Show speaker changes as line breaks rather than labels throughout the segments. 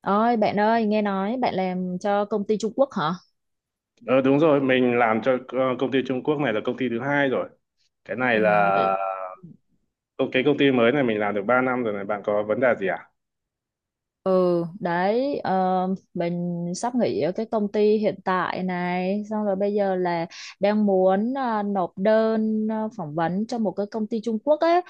Ôi bạn ơi, nghe nói bạn làm cho công ty Trung Quốc hả?
Ờ Đúng rồi, mình làm cho công ty Trung Quốc này là công ty thứ hai rồi. Cái này
Ừ. Ừ.
là cái công ty mới này mình làm được 3 năm rồi này, bạn có vấn đề gì à?
Ừ, đấy, mình sắp nghỉ ở cái công ty hiện tại này, xong rồi bây giờ là đang muốn nộp đơn phỏng vấn cho một cái công ty Trung Quốc ấy.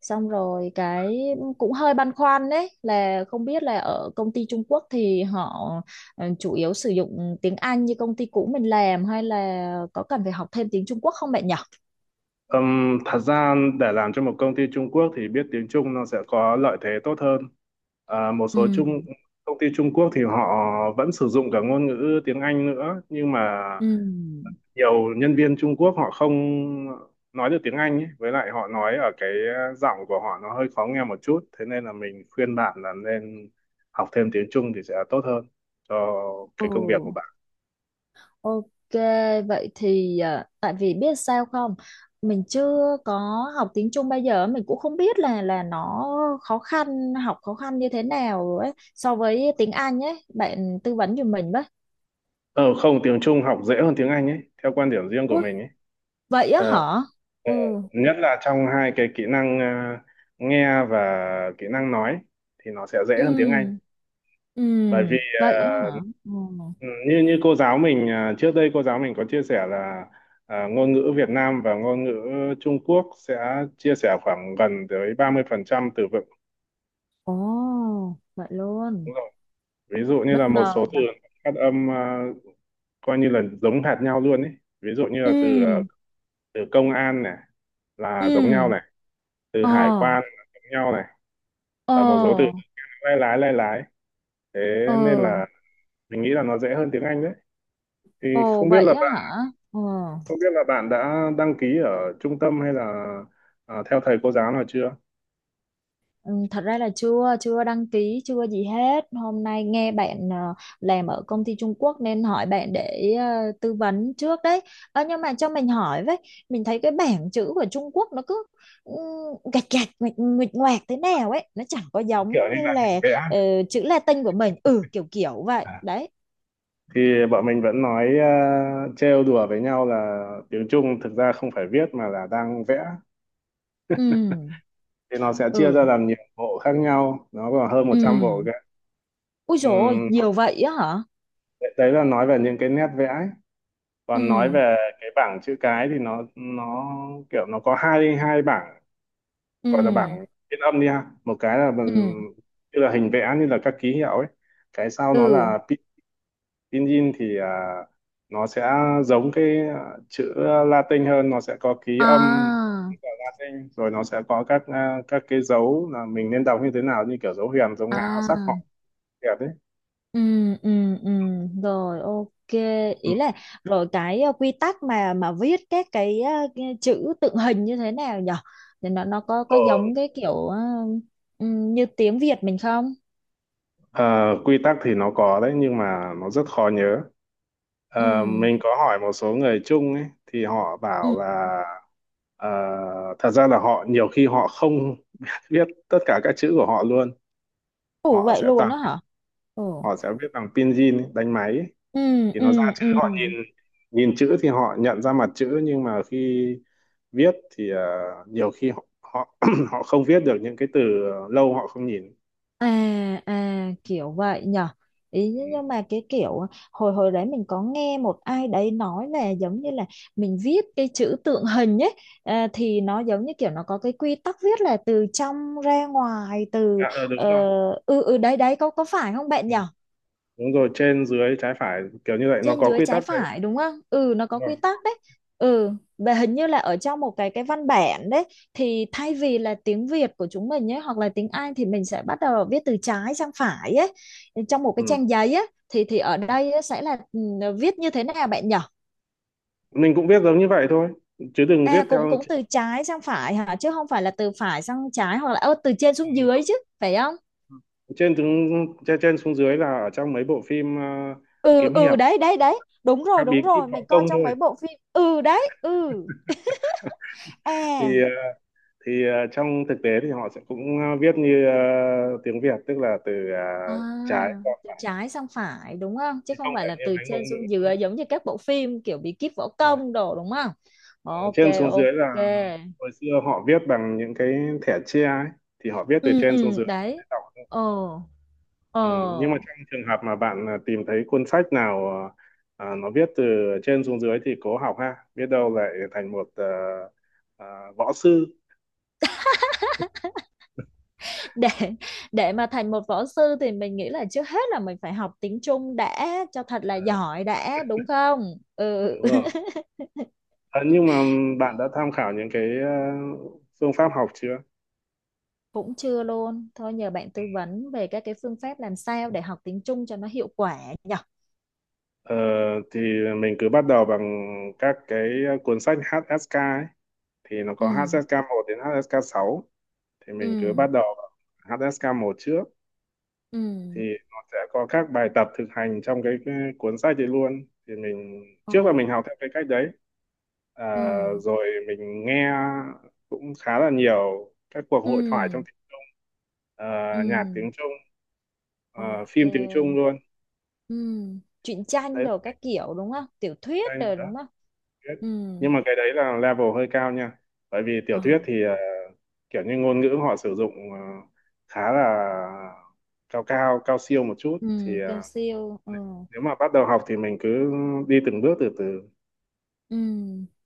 Xong rồi cái cũng hơi băn khoăn, đấy là không biết là ở công ty Trung Quốc thì họ chủ yếu sử dụng tiếng Anh như công ty cũ mình làm hay là có cần phải học thêm tiếng Trung Quốc không bạn nhỉ?
Thật ra để làm cho một công ty Trung Quốc thì biết tiếng Trung nó sẽ có lợi thế tốt hơn. Ờ, một
Ừ.
số Trung Công ty Trung Quốc thì họ vẫn sử dụng cả ngôn ngữ tiếng Anh nữa, nhưng mà
Ừ.
nhiều nhân viên Trung Quốc họ không nói được tiếng Anh ấy. Với lại họ nói ở cái giọng của họ nó hơi khó nghe một chút, thế nên là mình khuyên bạn là nên học thêm tiếng Trung thì sẽ tốt hơn cho
Ừ.
cái công việc của bạn.
Ok, vậy thì à, tại vì biết sao không, mình chưa có học tiếng Trung bao giờ, mình cũng không biết là nó khó khăn, học khó khăn như thế nào ấy so với tiếng Anh ấy, bạn tư vấn giùm mình với.
Ờ Không, tiếng Trung học dễ hơn tiếng Anh ấy theo quan điểm riêng của
Ui,
mình ấy.
vậy á
ờ,
hả? Ừ.
Nhất là trong hai cái kỹ năng, nghe và kỹ năng nói thì nó sẽ dễ
Ừ.
hơn tiếng Anh,
Ừ,
bởi vì
vậy á hả? Ừ.
Ừ, như như cô giáo mình, trước đây cô giáo mình có chia sẻ là, ngôn ngữ Việt Nam và ngôn ngữ Trung Quốc sẽ chia sẻ khoảng gần tới 30% từ vựng.
Ồ, vậy luôn.
Đúng rồi. Ví dụ như là
Bất
một
ngờ.
số từ phát âm, coi như là giống hệt nhau luôn ấy. Ví dụ như là từ,
Ừ.
từ công an này là giống
Ừ.
nhau này, từ
Ờ.
hải quan là giống nhau này, và một số từ
Ờ.
lái lái lái lái. Thế
Ờ.
nên là mình nghĩ là nó dễ hơn tiếng Anh đấy. Thì
Ồ,
không biết
vậy
là
á hả? Ờ.
Không biết là bạn đã đăng ký ở trung tâm hay là, theo thầy cô giáo nào chưa?
Ừ, thật ra là chưa chưa đăng ký chưa gì hết, hôm nay nghe bạn làm ở công ty Trung Quốc nên hỏi bạn để tư vấn trước đấy. Ờ, nhưng mà cho mình hỏi với, mình thấy cái bảng chữ của Trung Quốc nó cứ ừ, gạch gạch nguệch nguệch ngoạc thế nào ấy, nó chẳng có
Kiểu
giống
như
như
là hình
là
vẽ.
chữ Latin của mình, ừ, kiểu kiểu vậy
À.
đấy.
Thì bọn mình vẫn nói, trêu đùa với nhau là tiếng Trung thực ra không phải viết mà là đang vẽ.
Ừ.
Thì nó sẽ chia ra
Ừ.
làm nhiều bộ khác nhau, nó còn hơn 100 bộ
Ừ.
kìa.
Ui dồi ôi,
Ừm,
nhiều vậy á hả.
đấy đấy là nói về những cái nét vẽ ấy. Còn nói
Ừ.
về cái bảng chữ cái thì nó kiểu nó có hai hai bảng, gọi là
Ừ.
bảng phiên âm đi ha, một cái là
Ừ.
như là hình vẽ, như là các ký hiệu ấy. Cái sau nó
Ừ.
là pinyin thì, nó sẽ giống cái, chữ Latin hơn, nó sẽ có ký âm
À,
của Latin, rồi nó sẽ có các, các cái dấu là mình nên đọc như thế nào, như kiểu dấu huyền dấu ngã sắc họ
à.
đẹp đấy.
Ừ, ừ, ừ, rồi ok,
Ừ.
ý là rồi cái quy tắc mà viết các cái, cái chữ tượng hình như thế nào nhở, thì nó có
ờ,
giống cái kiểu ừ, như tiếng Việt mình không?
Quy tắc thì nó có đấy, nhưng mà nó rất khó nhớ.
Ừ.
Mình có hỏi một số người chung ấy thì họ
Ừ.
bảo là, ờ, thật ra là họ nhiều khi họ không biết tất cả các chữ của họ luôn.
Ủa
họ
vậy
sẽ
luôn
toàn
đó hả? Ừ.
Họ sẽ viết bằng pinyin ấy, đánh máy ấy.
Ừ.
Thì nó ra
Ừ.
chữ
Ừ.
họ nhìn, nhìn chữ thì họ nhận ra mặt chữ, nhưng mà khi viết thì, nhiều khi họ họ họ không viết được những cái từ lâu họ không nhìn.
À, à kiểu vậy nhở, ý
Ừ.
nhưng mà cái kiểu à, hồi hồi đấy mình có nghe một ai đấy nói là giống như là mình viết cái chữ tượng hình ấy à, thì nó giống như kiểu nó có cái quy tắc viết là từ trong ra ngoài, từ
Đúng
ờ,
rồi.
ừ, ừ, đấy đấy có phải không bạn
Ừ.
nhỉ?
Đúng rồi, trên dưới trái phải kiểu như vậy nó
Trên
có
dưới
quy
trái
tắc đấy.
phải đúng không? Ừ, nó có
Đúng rồi.
quy tắc đấy. Ừ. Và hình như là ở trong một cái văn bản đấy thì thay vì là tiếng Việt của chúng mình ấy hoặc là tiếng Anh thì mình sẽ bắt đầu viết từ trái sang phải ấy, trong một cái
ừ.
trang giấy ấy, thì ở đây á, sẽ là ừ, viết như thế nào bạn nhỉ?
Mình cũng viết giống như vậy thôi, chứ đừng viết
À, cũng
theo.
cũng từ trái sang phải hả, chứ không phải là từ phải sang trái hoặc là từ trên xuống dưới chứ, phải không?
Trên xuống dưới là ở trong mấy bộ phim,
Ừ,
kiếm
ừ,
hiệp,
đấy đấy đấy, đúng
các
rồi
bí
đúng
kíp
rồi,
võ
mình coi
công
trong
thôi.
mấy bộ phim. Ừ, đấy, ừ.
thì
À.
ờ, Trong thực tế thì họ sẽ cũng, viết như, tiếng Việt, tức là từ,
À,
trái qua,
từ trái sang phải đúng không? Chứ
thì
không
không
phải
phải
là
như
từ
mấy ngôn
trên xuống
ngữ.
dưới giống như các bộ phim kiểu bí kíp võ
Rồi.
công đồ đúng không?
Ờ,
Ok,
Trên xuống
ok.
dưới là hồi xưa họ viết bằng những cái thẻ tre ấy, thì họ viết từ
Ừ,
trên xuống
ừ,
dưới.
đấy. Ồ,
Ừ, nhưng mà
ồ.
trong trường hợp mà bạn, tìm thấy cuốn sách nào, nó viết từ trên xuống dưới, thì cố học ha, biết đâu lại thành một, à, võ sư.
Để để mà thành một võ sư thì mình nghĩ là trước hết là mình phải học tiếng Trung đã cho thật là
Ờ,
giỏi đã, đúng không? Ừ.
Đúng rồi. Ờ, nhưng mà bạn đã tham khảo những cái, phương pháp học chưa?
Cũng chưa luôn. Thôi nhờ bạn tư vấn về các cái phương pháp làm sao để học tiếng Trung cho nó hiệu quả nhỉ?
Ờ, thì mình cứ bắt đầu bằng các cái cuốn sách HSK ấy. Thì nó có
Ừ,
HSK một đến HSK sáu, thì mình cứ
ừ,
bắt đầu bằng HSK 1 trước.
ừ.
Thì nó sẽ có các bài tập thực hành trong cái cuốn sách đấy luôn, thì mình
Ồ,
trước là mình học theo cái cách đấy, à,
ừ.
rồi mình nghe cũng khá là nhiều các cuộc hội thoại
Ừ,
trong, ờ,
ừ.
nhạc tiếng Trung,
Ok.
phim tiếng Trung luôn.
Ừ, truyện tranh
Đấy
đồ các kiểu đúng không, tiểu thuyết
đây
rồi
đó
đúng không?
biết.
Ừ.
Nhưng mà cái đấy là level hơi cao nha, bởi vì tiểu
Ờ.
thuyết thì, kiểu như ngôn ngữ họ sử dụng, khá là cao cao cao siêu một chút,
Ừ,
thì,
cao siêu, ừ.
nếu mà bắt đầu học thì mình cứ đi từng bước từ từ.
Ừ,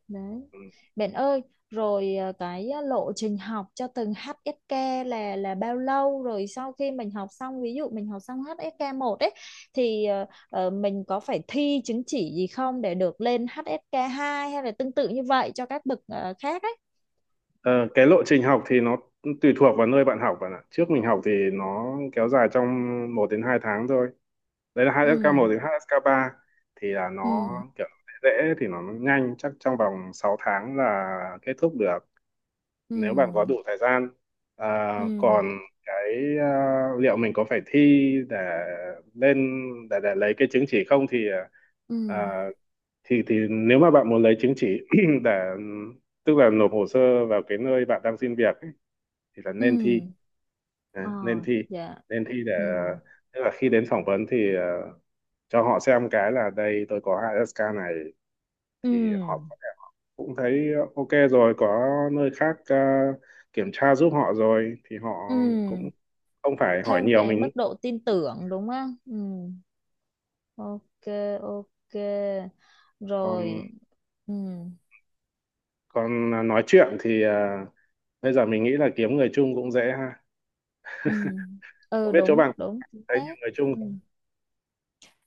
đấy
Ừ.
bạn ơi, rồi à, cái à, lộ trình học cho từng HSK là bao lâu, rồi sau khi mình học xong, ví dụ mình học xong HSK 1 ấy, thì à, mình có phải thi chứng chỉ gì không để được lên HSK 2 hay là tương tự như vậy cho các bậc à, khác ấy.
Ờ, cái lộ trình học thì nó tùy thuộc vào nơi bạn học, bạn ạ. Trước mình học thì nó kéo dài trong 1 đến 2 tháng thôi. Đấy là
Ừ.
2SK1 đến 2SK3. Thì là nó
Ừ.
kiểu dễ dễ thì nó nhanh, chắc trong vòng 6 tháng là kết thúc được,
Ừ.
nếu bạn có đủ thời gian. À,
Ừ.
còn cái, liệu mình có phải thi để lên, để lấy cái chứng chỉ không, thì,
Ừ.
à, thì nếu mà bạn muốn lấy chứng chỉ để, tức là nộp hồ sơ vào cái nơi bạn đang xin việc ấy, thì là
Ừ.
nên thi.
Ờ.
À,
Dạ.
nên thi để,
Ừ.
tức là khi đến phỏng vấn thì, cho họ xem cái là đây tôi có HSK này, thì họ
Ừ.
có thể cũng thấy, ok rồi, có nơi khác, kiểm tra giúp họ rồi, thì họ
Ừ.
cũng không phải hỏi
Thêm
nhiều
cái mức
mình.
độ tin tưởng đúng không? Ừ. Ok. Ok.
còn
Rồi. Ừ.
còn nói chuyện thì, bây giờ mình nghĩ là kiếm người chung cũng dễ ha.
Ừ.
Không
Ừ,
biết chỗ
đúng
bạn,
đúng, chính
thấy nhiều
xác.
người chung.
Ừ.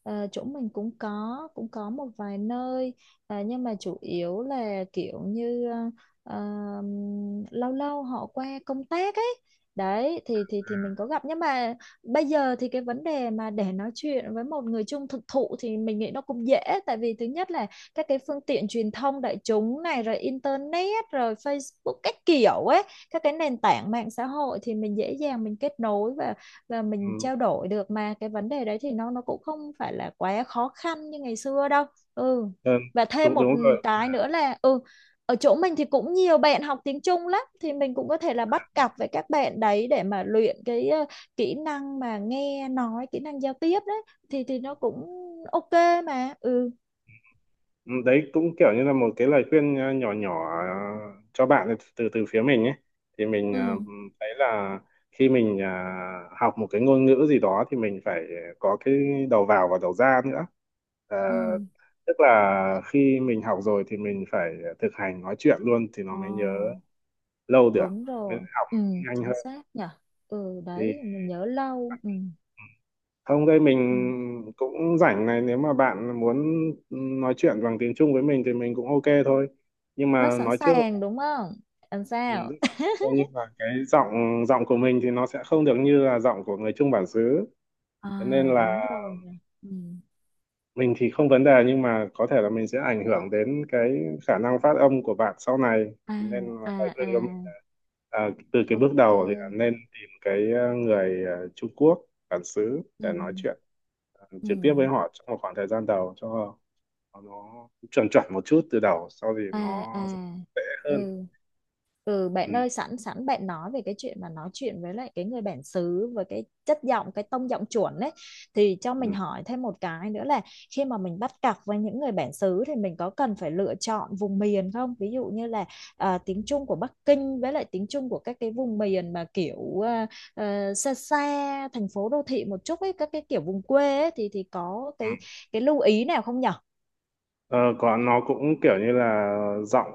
Ờ, chỗ mình cũng có, cũng có một vài nơi, nhưng mà chủ yếu là kiểu như lâu lâu họ qua công tác ấy, đấy thì mình có gặp, nhưng mà bây giờ thì cái vấn đề mà để nói chuyện với một người chung thực thụ thì mình nghĩ nó cũng dễ, tại vì thứ nhất là các cái phương tiện truyền thông đại chúng này rồi internet rồi Facebook các kiểu ấy, các cái nền tảng mạng xã hội thì mình dễ dàng mình kết nối và mình
Ừ.
trao đổi được, mà cái vấn đề đấy thì nó cũng không phải là quá khó khăn như ngày xưa đâu. Ừ.
Ừ.
Và thêm
đúng
một
đúng rồi.
cái nữa là ừ, ở chỗ mình thì cũng nhiều bạn học tiếng Trung lắm thì mình cũng có thể là bắt cặp với các bạn đấy để mà luyện cái kỹ năng mà nghe nói, kỹ năng giao tiếp đấy, thì nó cũng ok mà ừ.
Ừ. Đấy cũng kiểu như là một cái lời khuyên, nhỏ nhỏ, cho bạn ấy, từ từ phía mình ấy. Thì mình,
Ừ.
thấy là khi mình, học một cái ngôn ngữ gì đó thì mình phải có cái đầu vào và đầu ra nữa. Ờ,
Ừ.
Tức là khi mình học rồi thì mình phải thực hành nói chuyện luôn, thì nó
Ồ,
mới nhớ lâu được,
đúng
mới
rồi.
học
Ừ,
nhanh
chính
hơn.
xác nhở. Ừ,
thì
đấy mình nhớ lâu, ừ.
ừ, Không, đây
Ừ.
mình cũng rảnh này, nếu mà bạn muốn nói chuyện bằng tiếng Trung với mình thì mình cũng ok thôi. Nhưng
Rất
mà
sẵn
nói trước
sàng
là,
đúng không, làm
ừ,
sao?
Đức Giang Sen, coi như là cái giọng giọng của mình thì nó sẽ không được như là giọng của người Trung bản xứ.
À,
Thế nên
đúng
là
rồi nhỉ. Ừ.
mình thì không vấn đề, nhưng mà có thể là mình sẽ ảnh hưởng đến cái khả năng phát âm của bạn sau này.
À,
Thế nên là
à.
lời khuyên
À,
của mình là, từ cái
ok.
bước đầu thì là nên tìm cái, người, Trung Quốc bản xứ
Ừ.
để nói chuyện.
Ừ.
Trực tiếp với họ trong một khoảng thời gian đầu, cho nó chuẩn chuẩn một chút, từ đầu sau thì nó
À, à.
dễ hơn.
Ừ. Ừ,
Ừ.
bạn ơi, sẵn sẵn bạn nói về cái chuyện mà nói chuyện với lại cái người bản xứ với cái chất giọng cái tông giọng chuẩn đấy, thì cho mình
Ừ.
hỏi thêm một cái nữa là khi mà mình bắt cặp với những người bản xứ thì mình có cần phải lựa chọn vùng miền không? Ví dụ như là à, tiếng Trung của Bắc Kinh với lại tiếng Trung của các cái vùng miền mà kiểu à, à, xa xa thành phố đô thị một chút ấy, các cái kiểu vùng quê ấy, thì có
Ừ.
cái lưu ý nào không nhở?
Ờ, Còn nó cũng kiểu như là giọng,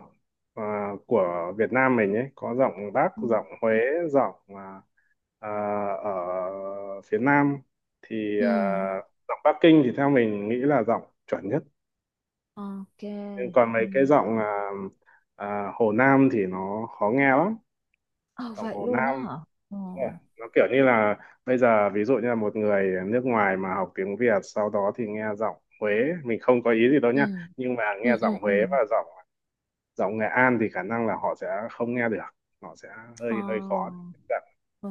của Việt Nam mình ấy, có giọng Bắc,
Ừ.
giọng Huế, giọng, à, ở phía Nam, thì,
Ừ.
giọng Bắc Kinh thì theo mình nghĩ là giọng chuẩn nhất.
Ok.
Nhưng còn
Ừ.
mấy cái giọng, Hồ Nam thì nó khó nghe lắm.
Ờ,
Giọng
vậy
Hồ
luôn đó
Nam.
hả? Ờ.
Yeah. Nó kiểu như là bây giờ ví dụ như là một người nước ngoài mà học tiếng Việt, sau đó thì nghe giọng Huế, mình không có ý gì đâu
Ừ,
nhá. Nhưng mà
ừ,
nghe giọng
ừ,
Huế
ừ,
và giọng giọng Nghệ An thì khả năng là họ sẽ không nghe được, họ sẽ hơi hơi khó để
ờ,
tiếp cận.
ừ.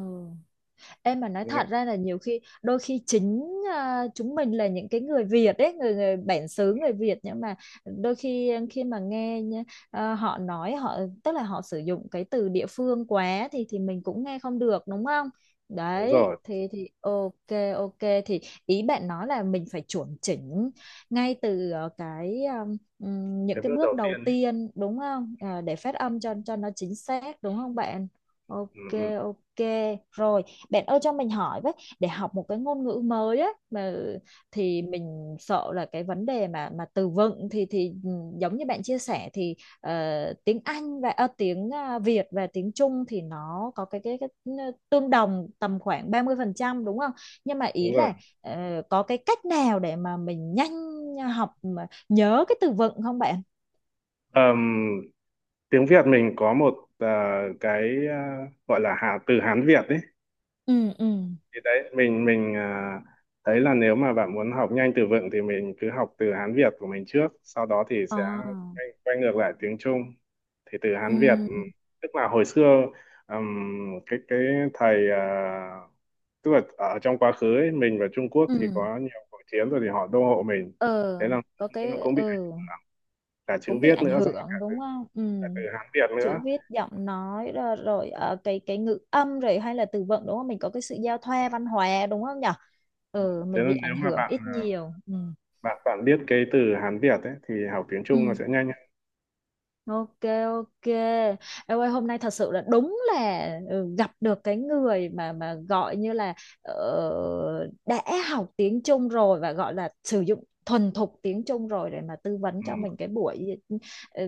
Em mà nói thật
Nghe
ra là nhiều khi đôi khi chính à, chúng mình là những cái người Việt ấy, người người bản xứ người Việt, nhưng mà đôi khi khi mà nghe nhá, à, họ tức là họ sử dụng cái từ địa phương quá thì mình cũng nghe không được đúng không?
đúng
Đấy,
rồi
thì ok, ok, thì ý bạn nói là mình phải chuẩn chỉnh ngay từ cái những
cái
cái
bước
bước
đầu
đầu
tiên ấy.
tiên đúng không? Ờ, để phát âm cho nó chính xác đúng không bạn?
Ừ,
Ok,
ừ,
ok. Rồi, bạn ơi cho mình hỏi với, để học một cái ngôn ngữ mới á mà thì mình sợ là cái vấn đề mà từ vựng thì ừ, giống như bạn chia sẻ thì ờ, tiếng Anh và tiếng à, Việt và tiếng Trung thì nó có cái ừ, tương đồng tầm khoảng 30% đúng không? Nhưng mà ý
đúng rồi.
là có cái cách nào để mà mình nhanh học mà nhớ cái từ vựng không bạn?
Ờm, Tiếng Việt mình có một, cái, ờ, gọi là từ Hán Việt ấy.
Ừ. Ừ.
Thì đấy, mình, thấy là nếu mà bạn muốn học nhanh từ vựng thì mình cứ học từ Hán Việt của mình trước, sau đó thì sẽ
À,
quay ngược lại tiếng Trung. Thì từ
ừ.
Hán Việt, tức là hồi xưa, cái thầy, tức là ở trong quá khứ ấy, mình và Trung Quốc
Ừ.
thì có nhiều cuộc chiến, rồi thì họ đô hộ mình.
Ờ,
Thế là
có
nó
cái
cũng bị ảnh
ừ,
hưởng cả chữ
cũng bị
viết
ảnh
nữa, xong rồi
hưởng đúng không, ừ,
cả từ Hán Việt
chữ
nữa.
viết giọng nói rồi, rồi cái ngữ âm rồi hay là từ vựng đúng không, mình có cái sự giao thoa văn hóa đúng không nhở, ừ,
Thế
mình bị
nên nếu
ảnh
mà
hưởng
bạn,
ít
à,
nhiều, ừ.
bạn bạn biết cái từ Hán Việt ấy thì học tiếng
Ừ.
Trung nó sẽ nhanh hơn.
Ok, ok. Em ơi hôm nay thật sự là đúng là ừ, gặp được cái người mà gọi như là đã học tiếng Trung rồi và gọi là sử dụng thuần thục tiếng Trung rồi để mà tư vấn
Ừ.
cho mình cái buổi ừ,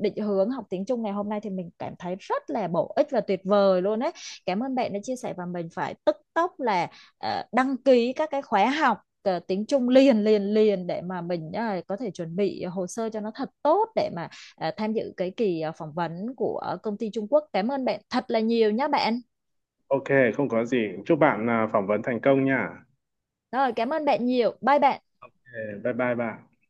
định hướng học tiếng Trung ngày hôm nay, thì mình cảm thấy rất là bổ ích và tuyệt vời luôn ấy. Cảm ơn bạn đã chia sẻ và mình phải tức tốc là đăng ký các cái khóa học tiếng Trung liền liền liền để mà mình có thể chuẩn bị hồ sơ cho nó thật tốt để mà à, tham dự cái kỳ à, phỏng vấn của công ty Trung Quốc. Cảm ơn bạn thật là nhiều nhé bạn.
Ok, không có gì. Chúc bạn, phỏng vấn thành công nha.
Rồi, cảm ơn bạn nhiều. Bye bạn.
Ok, bye bye bạn.